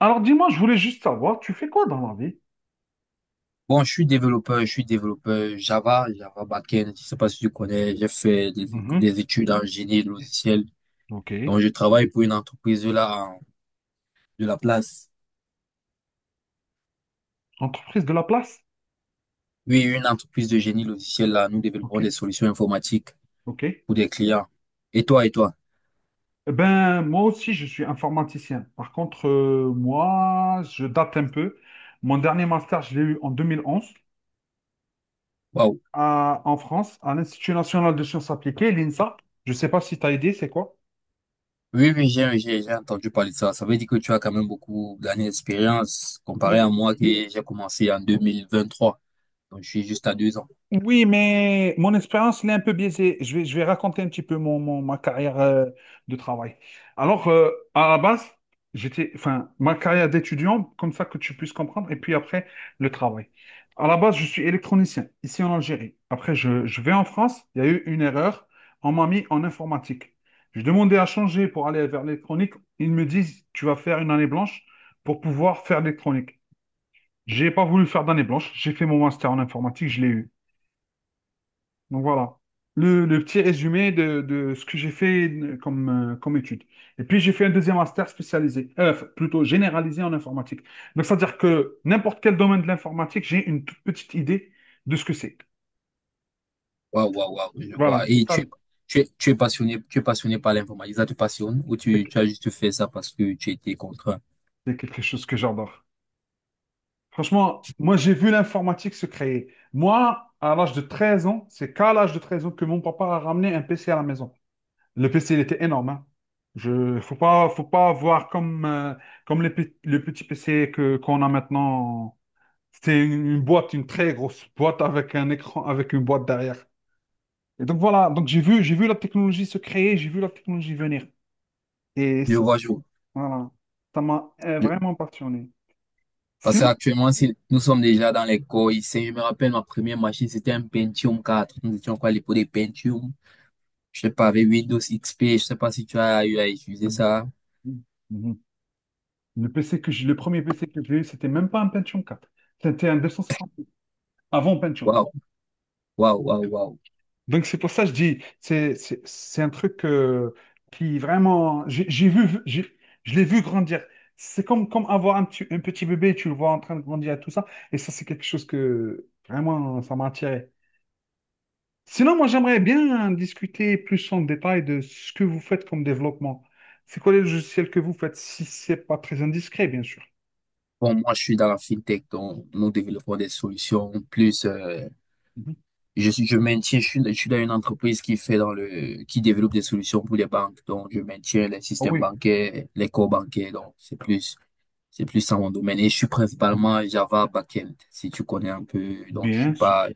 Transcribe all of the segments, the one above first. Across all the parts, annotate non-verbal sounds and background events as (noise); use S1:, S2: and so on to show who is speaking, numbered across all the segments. S1: Alors dis-moi, je voulais juste savoir, tu fais quoi dans la vie?
S2: Bon, je suis développeur Java, Java backend. Je sais pas si tu connais, j'ai fait des, éc-
S1: Mhm.
S2: des études en génie logiciel.
S1: Ok.
S2: Donc, je travaille pour une entreprise là de la place.
S1: Entreprise de la place?
S2: Oui, une entreprise de génie logiciel là. Nous
S1: Ok,
S2: développons des solutions informatiques
S1: ok.
S2: pour des clients. Et toi?
S1: Eh ben, moi aussi, je suis informaticien. Par contre, moi, je date un peu. Mon dernier master, je l'ai eu en 2011
S2: Waouh.
S1: en France, à l'Institut national de sciences appliquées, l'INSA. Je ne sais pas si tu as aidé, c'est quoi?
S2: Oui, oui, j'ai entendu parler de ça. Ça veut dire que tu as quand même beaucoup d'années d'expérience comparé à moi qui j'ai commencé en 2023. Donc, je suis juste à deux ans.
S1: Oui, mais mon expérience, elle est un peu biaisée. Je vais raconter un petit peu ma carrière de travail. Alors, à la base, j'étais, enfin, ma carrière d'étudiant, comme ça que tu puisses comprendre, et puis après, le travail. À la base, je suis électronicien, ici en Algérie. Après, je vais en France, il y a eu une erreur, on m'a mis en informatique. Je demandais à changer pour aller vers l'électronique. Ils me disent, tu vas faire une année blanche pour pouvoir faire l'électronique. J'ai pas voulu faire d'année blanche, j'ai fait mon master en informatique, je l'ai eu. Donc voilà, le petit résumé de ce que j'ai fait comme, comme étude. Et puis j'ai fait un deuxième master spécialisé, plutôt généralisé en informatique. Donc c'est-à-dire que n'importe quel domaine de l'informatique, j'ai une toute petite idée de ce que c'est.
S2: Waouh, je
S1: Voilà,
S2: vois.
S1: c'est
S2: Et
S1: ça,
S2: tu es, tu es, tu es passionné par l'informatique, ça te passionne ou
S1: c'est
S2: tu as juste fait ça parce que tu étais contraint?
S1: c'est quelque chose que j'adore. Franchement, moi j'ai vu l'informatique se créer. Moi, à l'âge de 13 ans, c'est qu'à l'âge de 13 ans que mon papa a ramené un PC à la maison. Le PC, il était énorme, hein. Je, faut pas voir comme, comme le petit PC qu'on a maintenant. C'était une boîte, une très grosse boîte avec un écran, avec une boîte derrière. Et donc voilà, donc j'ai vu la technologie se créer, j'ai vu la technologie venir. Et
S2: Je
S1: ça,
S2: vois,
S1: voilà, ça m'a
S2: je-
S1: vraiment passionné.
S2: Parce
S1: Sinon,
S2: qu'actuellement, si nous sommes déjà dans les corps ici, je me rappelle ma première machine, c'était un Pentium 4. Nous étions quoi les l'époque des Pentium. Je sais pas, avec Windows XP, je sais pas si tu as eu à utiliser
S1: Mhm.
S2: ça.
S1: Mhm. Le premier PC que j'ai eu, c'était même pas un Pentium 4. C'était un 250 avant Pentium.
S2: Waouh, waouh.
S1: Donc c'est pour ça que je dis, c'est un truc qui vraiment, je l'ai vu grandir. C'est comme, comme avoir un petit bébé, tu le vois en train de grandir et tout ça. Et ça, c'est quelque chose que vraiment, ça m'a attiré. Sinon, moi, j'aimerais bien discuter plus en détail de ce que vous faites comme développement. C'est quoi les logiciels que vous faites, si c'est pas très indiscret, bien sûr.
S2: Bon, moi, je suis dans la fintech, donc nous développons des solutions plus,
S1: Mhm.
S2: je suis, je maintiens, je suis dans une entreprise qui fait qui développe des solutions pour les banques. Donc, je maintiens les
S1: Ah
S2: systèmes
S1: oui,
S2: bancaires, les corps bancaires. Donc, c'est plus ça mon domaine. Et je suis principalement Java backend, si tu connais un peu. Donc, je suis
S1: bien sûr,
S2: pas,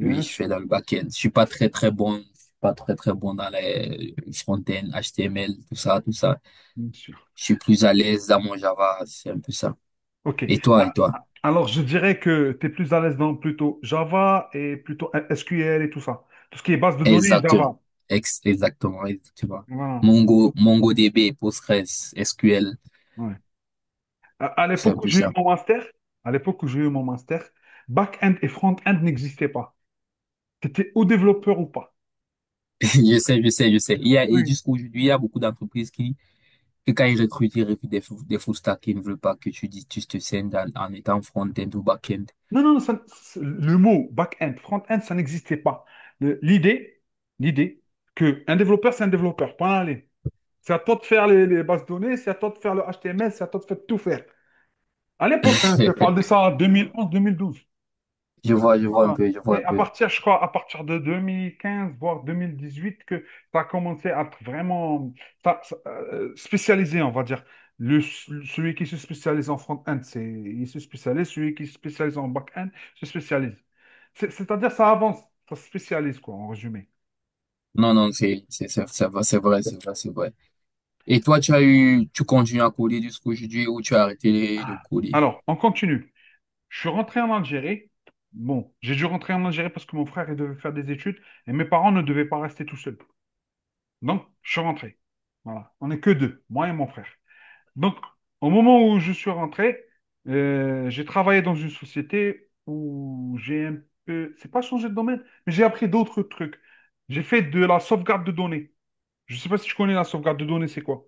S2: oui, je
S1: sûr,
S2: fais dans le backend. Je suis pas très, très bon dans les front-end, HTML, tout ça, tout ça.
S1: bien sûr.
S2: Je suis plus à l'aise dans mon Java. C'est un peu ça.
S1: Ok.
S2: Et toi, et
S1: A-
S2: toi?
S1: a- Alors, je dirais que tu es plus à l'aise dans plutôt Java et plutôt SQL et tout ça. Tout ce qui est base de données,
S2: Exactement.
S1: Java.
S2: Exactement, exactement.
S1: Voilà.
S2: Mongo, MongoDB, PostgreSQL,
S1: Ouais. À
S2: c'est un
S1: l'époque où
S2: peu
S1: j'ai eu
S2: ça.
S1: mon master, à l'époque où j'ai eu mon master, back-end et front-end n'existaient pas. Tu étais ou développeur ou pas.
S2: (laughs) Je sais. Il y a, et
S1: Oui.
S2: jusqu'aujourd'hui, il y a beaucoup d'entreprises que quand ils recrutent des full stack qui ne veulent pas que tu dis, tu te scindes en étant front-end ou back-end.
S1: Non, non, non, le mot back-end, front-end, ça n'existait pas. Le- L'idée, l'idée que un développeur, c'est un développeur, point allez. C'est à toi de faire les bases de données, c'est à toi de faire le HTML, c'est à toi de faire tout faire. À l'époque, hein, je te parle de
S2: (laughs)
S1: ça en 2011-2012. Voilà.
S2: Je vois un
S1: C'est à
S2: peu.
S1: partir, je crois, à partir de 2015, voire 2018, que ça a commencé à être vraiment spécialisé, on va dire. Celui qui se spécialise en front-end, c'est, il se spécialise. Celui qui se spécialise en back-end, se spécialise. C'est-à-dire, ça avance, ça se spécialise, quoi, en résumé.
S2: Non, c'est vrai, c'est vrai. Et toi, tu as eu, tu continues à coder jusqu'aujourd'hui ou tu as arrêté de
S1: Ah.
S2: coder?
S1: Alors, on continue. Je suis rentré en Algérie. Bon, j'ai dû rentrer en Algérie parce que mon frère, il devait faire des études et mes parents ne devaient pas rester tout seuls. Donc, je suis rentré. Voilà. On n'est que deux, moi et mon frère. Donc, au moment où je suis rentré, j'ai travaillé dans une société où j'ai un peu, c'est pas changé de domaine, mais j'ai appris d'autres trucs. J'ai fait de la sauvegarde de données. Je sais pas si tu connais la sauvegarde de données, c'est quoi?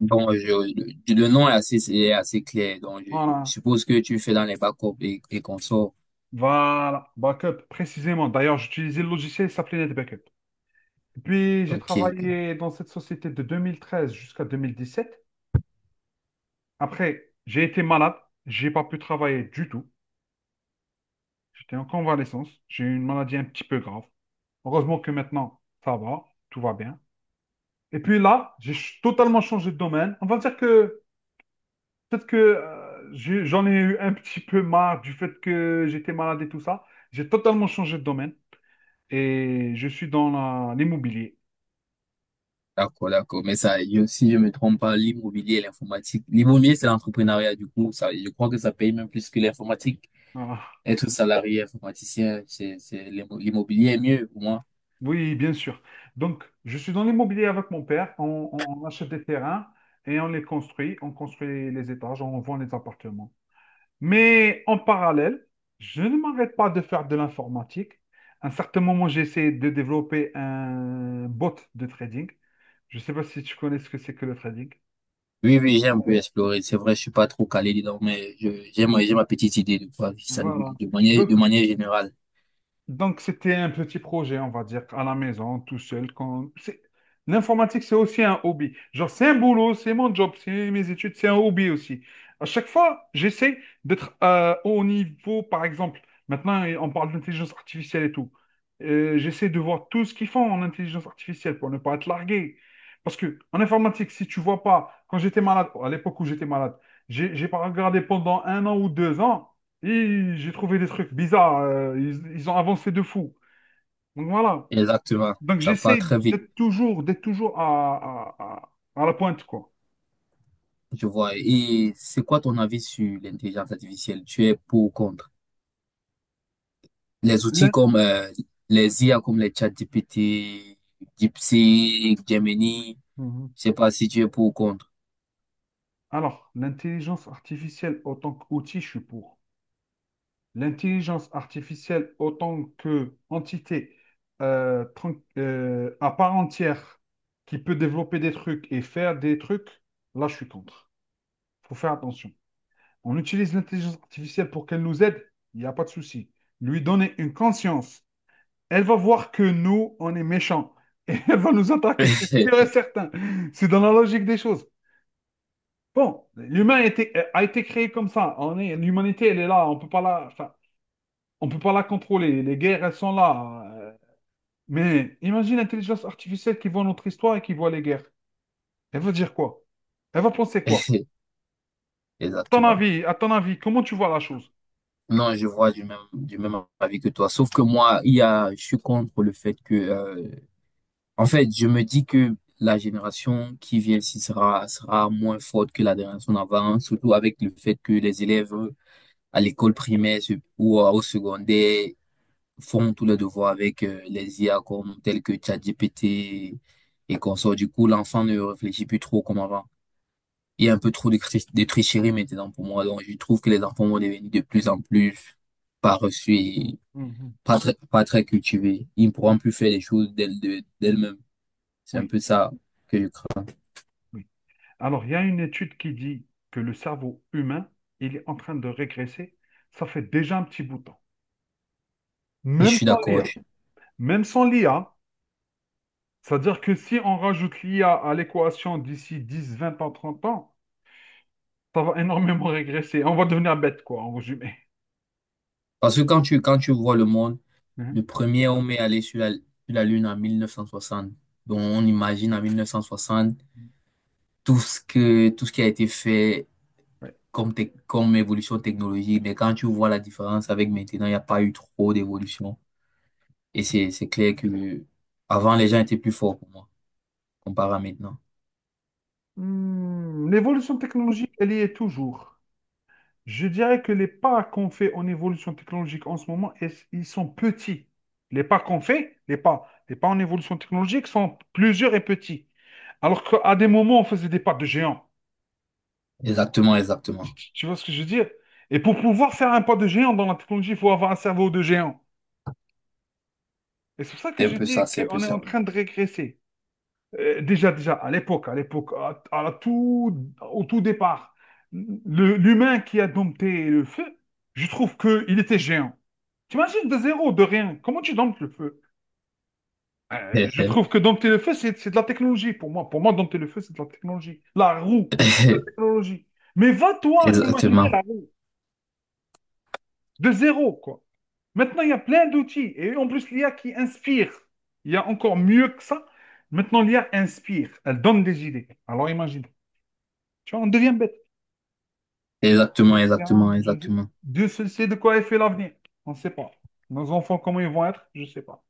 S2: Bon, le nom est assez clair. Donc, je
S1: Voilà.
S2: suppose que tu fais dans les backups et consorts.
S1: Voilà. Backup, précisément. D'ailleurs, j'utilisais le logiciel, il s'appelait NetBackup. Puis, j'ai
S2: Ok, ok.
S1: travaillé dans cette société de 2013 jusqu'à 2017. Après, j'ai été malade. J'ai pas pu travailler du tout. J'étais en convalescence. J'ai eu une maladie un petit peu grave. Heureusement que maintenant, ça va, tout va bien. Et puis là, totalement changé de domaine. On va dire que peut-être que j'en ai eu un petit peu marre du fait que j'étais malade et tout ça. J'ai totalement changé de domaine et je suis dans l'immobilier.
S2: D'accord, d'accord. Mais ça, je- si je me trompe pas, l'immobilier et l'informatique. L'immobilier, c'est l'entrepreneuriat, du coup, ça, je crois que ça paye même plus que l'informatique.
S1: Voilà.
S2: Être salarié informaticien, c'est, l'immobilier est mieux pour moi.
S1: Oui, bien sûr. Donc, je suis dans l'immobilier avec mon père. On achète des terrains et on les construit. On construit les étages, on vend les appartements. Mais en parallèle, je ne m'arrête pas de faire de l'informatique. À un certain moment, j'ai essayé de développer un bot de trading. Je ne sais pas si tu connais ce que c'est que le trading.
S2: Oui, oui, j'ai un peu exploré. C'est vrai, je suis pas trop calé dedans, mais j'ai ma petite idée de quoi, ça,
S1: Voilà.
S2: de
S1: Donc,
S2: manière générale.
S1: Donc, c'était un petit projet, on va dire, à la maison, tout seul. L'informatique, c'est aussi un hobby. Genre, c'est un boulot, c'est mon job, c'est mes études, c'est un hobby aussi. À chaque fois, j'essaie d'être au niveau, par exemple, maintenant, on parle d'intelligence artificielle et tout. J'essaie de voir tout ce qu'ils font en intelligence artificielle pour ne pas être largué. Parce que en informatique, si tu vois pas, quand j'étais malade, à l'époque où j'étais malade, j'ai pas regardé pendant un an ou 2 ans. Et j'ai trouvé des trucs bizarres. Ils ont avancé de fou. Donc voilà.
S2: Exactement.
S1: Donc
S2: Ça part
S1: j'essaie
S2: très vite,
S1: d'être toujours à la pointe, quoi.
S2: je vois. Et c'est quoi ton avis sur l'intelligence artificielle? Tu es pour ou contre? Les outils
S1: L'in-
S2: comme les IA, comme les ChatGPT, DeepSeek, Gemini,
S1: Mhm.
S2: je sais pas si tu es pour ou contre.
S1: Alors, l'intelligence artificielle autant qu'outil, je suis pour. L'intelligence artificielle autant qu'entité à part entière qui peut développer des trucs et faire des trucs, là, je suis contre. Faut faire attention. On utilise l'intelligence artificielle pour qu'elle nous aide, il n'y a pas de souci. Lui donner une conscience. Elle va voir que nous, on est méchants. (laughs) Et elle va nous attaquer, c'est sûr et certain. C'est dans la logique des choses. Bon, l'humain a été créé comme ça. On est, l'humanité, elle est là. On peut pas la, enfin, on peut pas la contrôler. Les guerres, elles sont là. Mais imagine l'intelligence artificielle qui voit notre histoire et qui voit les guerres. Elle va dire quoi? Elle va penser quoi?
S2: (laughs) Exactement.
S1: À ton avis, comment tu vois la chose?
S2: Non, je vois du même avis que toi. Sauf que moi, il y a, je suis contre le fait que, en fait, je me dis que la génération qui vient ici sera moins forte que la génération d'avant, surtout avec le fait que les élèves à l'école primaire ou au secondaire, font tous les devoirs avec les IA comme tels que ChatGPT et qu'on sort. Du coup, l'enfant ne réfléchit plus trop comme avant. Il y a un peu trop de tricherie maintenant pour moi. Donc, je trouve que les enfants vont devenir de plus en plus paresseux et
S1: Mhm,
S2: pas très, pas très cultivés. Ils ne pourront
S1: mhm.
S2: plus faire les choses d'elles-mêmes. C'est un
S1: Oui,
S2: peu ça que
S1: mhm,
S2: je crains.
S1: oui. Alors, il y a une étude qui dit que le cerveau humain, il est en train de régresser. Ça fait déjà un petit bout de temps.
S2: Et je
S1: Même
S2: suis
S1: sans
S2: d'accord.
S1: l'IA.
S2: Je-
S1: Même sans l'IA, c'est-à-dire que si on rajoute l'IA à l'équation d'ici 10, 20 ans, 30 ans, ça va énormément régresser. On va devenir bête, quoi, en résumé.
S2: parce que quand tu vois le monde,
S1: Hein.
S2: le premier homme est allé sur la Lune en 1960. Donc, on imagine en 1960 tout ce tout ce qui a été fait
S1: Ouais.
S2: comme évolution technologique, mais quand tu vois la différence avec maintenant, il n'y a pas eu trop d'évolution. Et c'est clair que avant, les gens étaient plus forts pour moi, comparé à maintenant.
S1: Hmm, l'évolution technologique, elle y est toujours. Je dirais que les pas qu'on fait en évolution technologique en ce moment, ils sont petits. Les pas qu'on fait, les pas en évolution technologique sont plusieurs et petits. Alors qu'à des moments, on faisait des pas de géant.
S2: Exactement,
S1: Tu
S2: exactement.
S1: tu- tu vois ce que je veux dire? Et pour pouvoir faire un pas de géant dans la technologie, il faut avoir un cerveau de géant. Et c'est pour ça que
S2: C'est un
S1: je
S2: peu
S1: dis
S2: ça, c'est un peu
S1: qu'on est en
S2: ça.
S1: train de régresser. Déjà, à l'époque, au tout départ, l'humain qui a dompté le feu, je trouve qu'il était géant. T'imagines de zéro, de rien. Comment tu domptes le feu? Je trouve
S2: (laughs)
S1: que dompter le feu, c'est de la technologie pour moi. Pour moi, dompter le feu, c'est de la technologie. La roue, c'est de la technologie. Mais va toi imaginer la
S2: Exactement.
S1: roue de zéro, quoi. Maintenant, il y a plein d'outils. Et en plus, l'IA qui inspire. Il y a encore mieux que ça. Maintenant, l'IA inspire. Elle donne des idées. Alors imagine. Tu vois, on devient bête.
S2: Exactement, exactement,
S1: Espérons,
S2: exactement.
S1: Dieu seul sait de quoi est fait l'avenir. On ne sait pas. Nos enfants, comment ils vont être, je ne sais pas.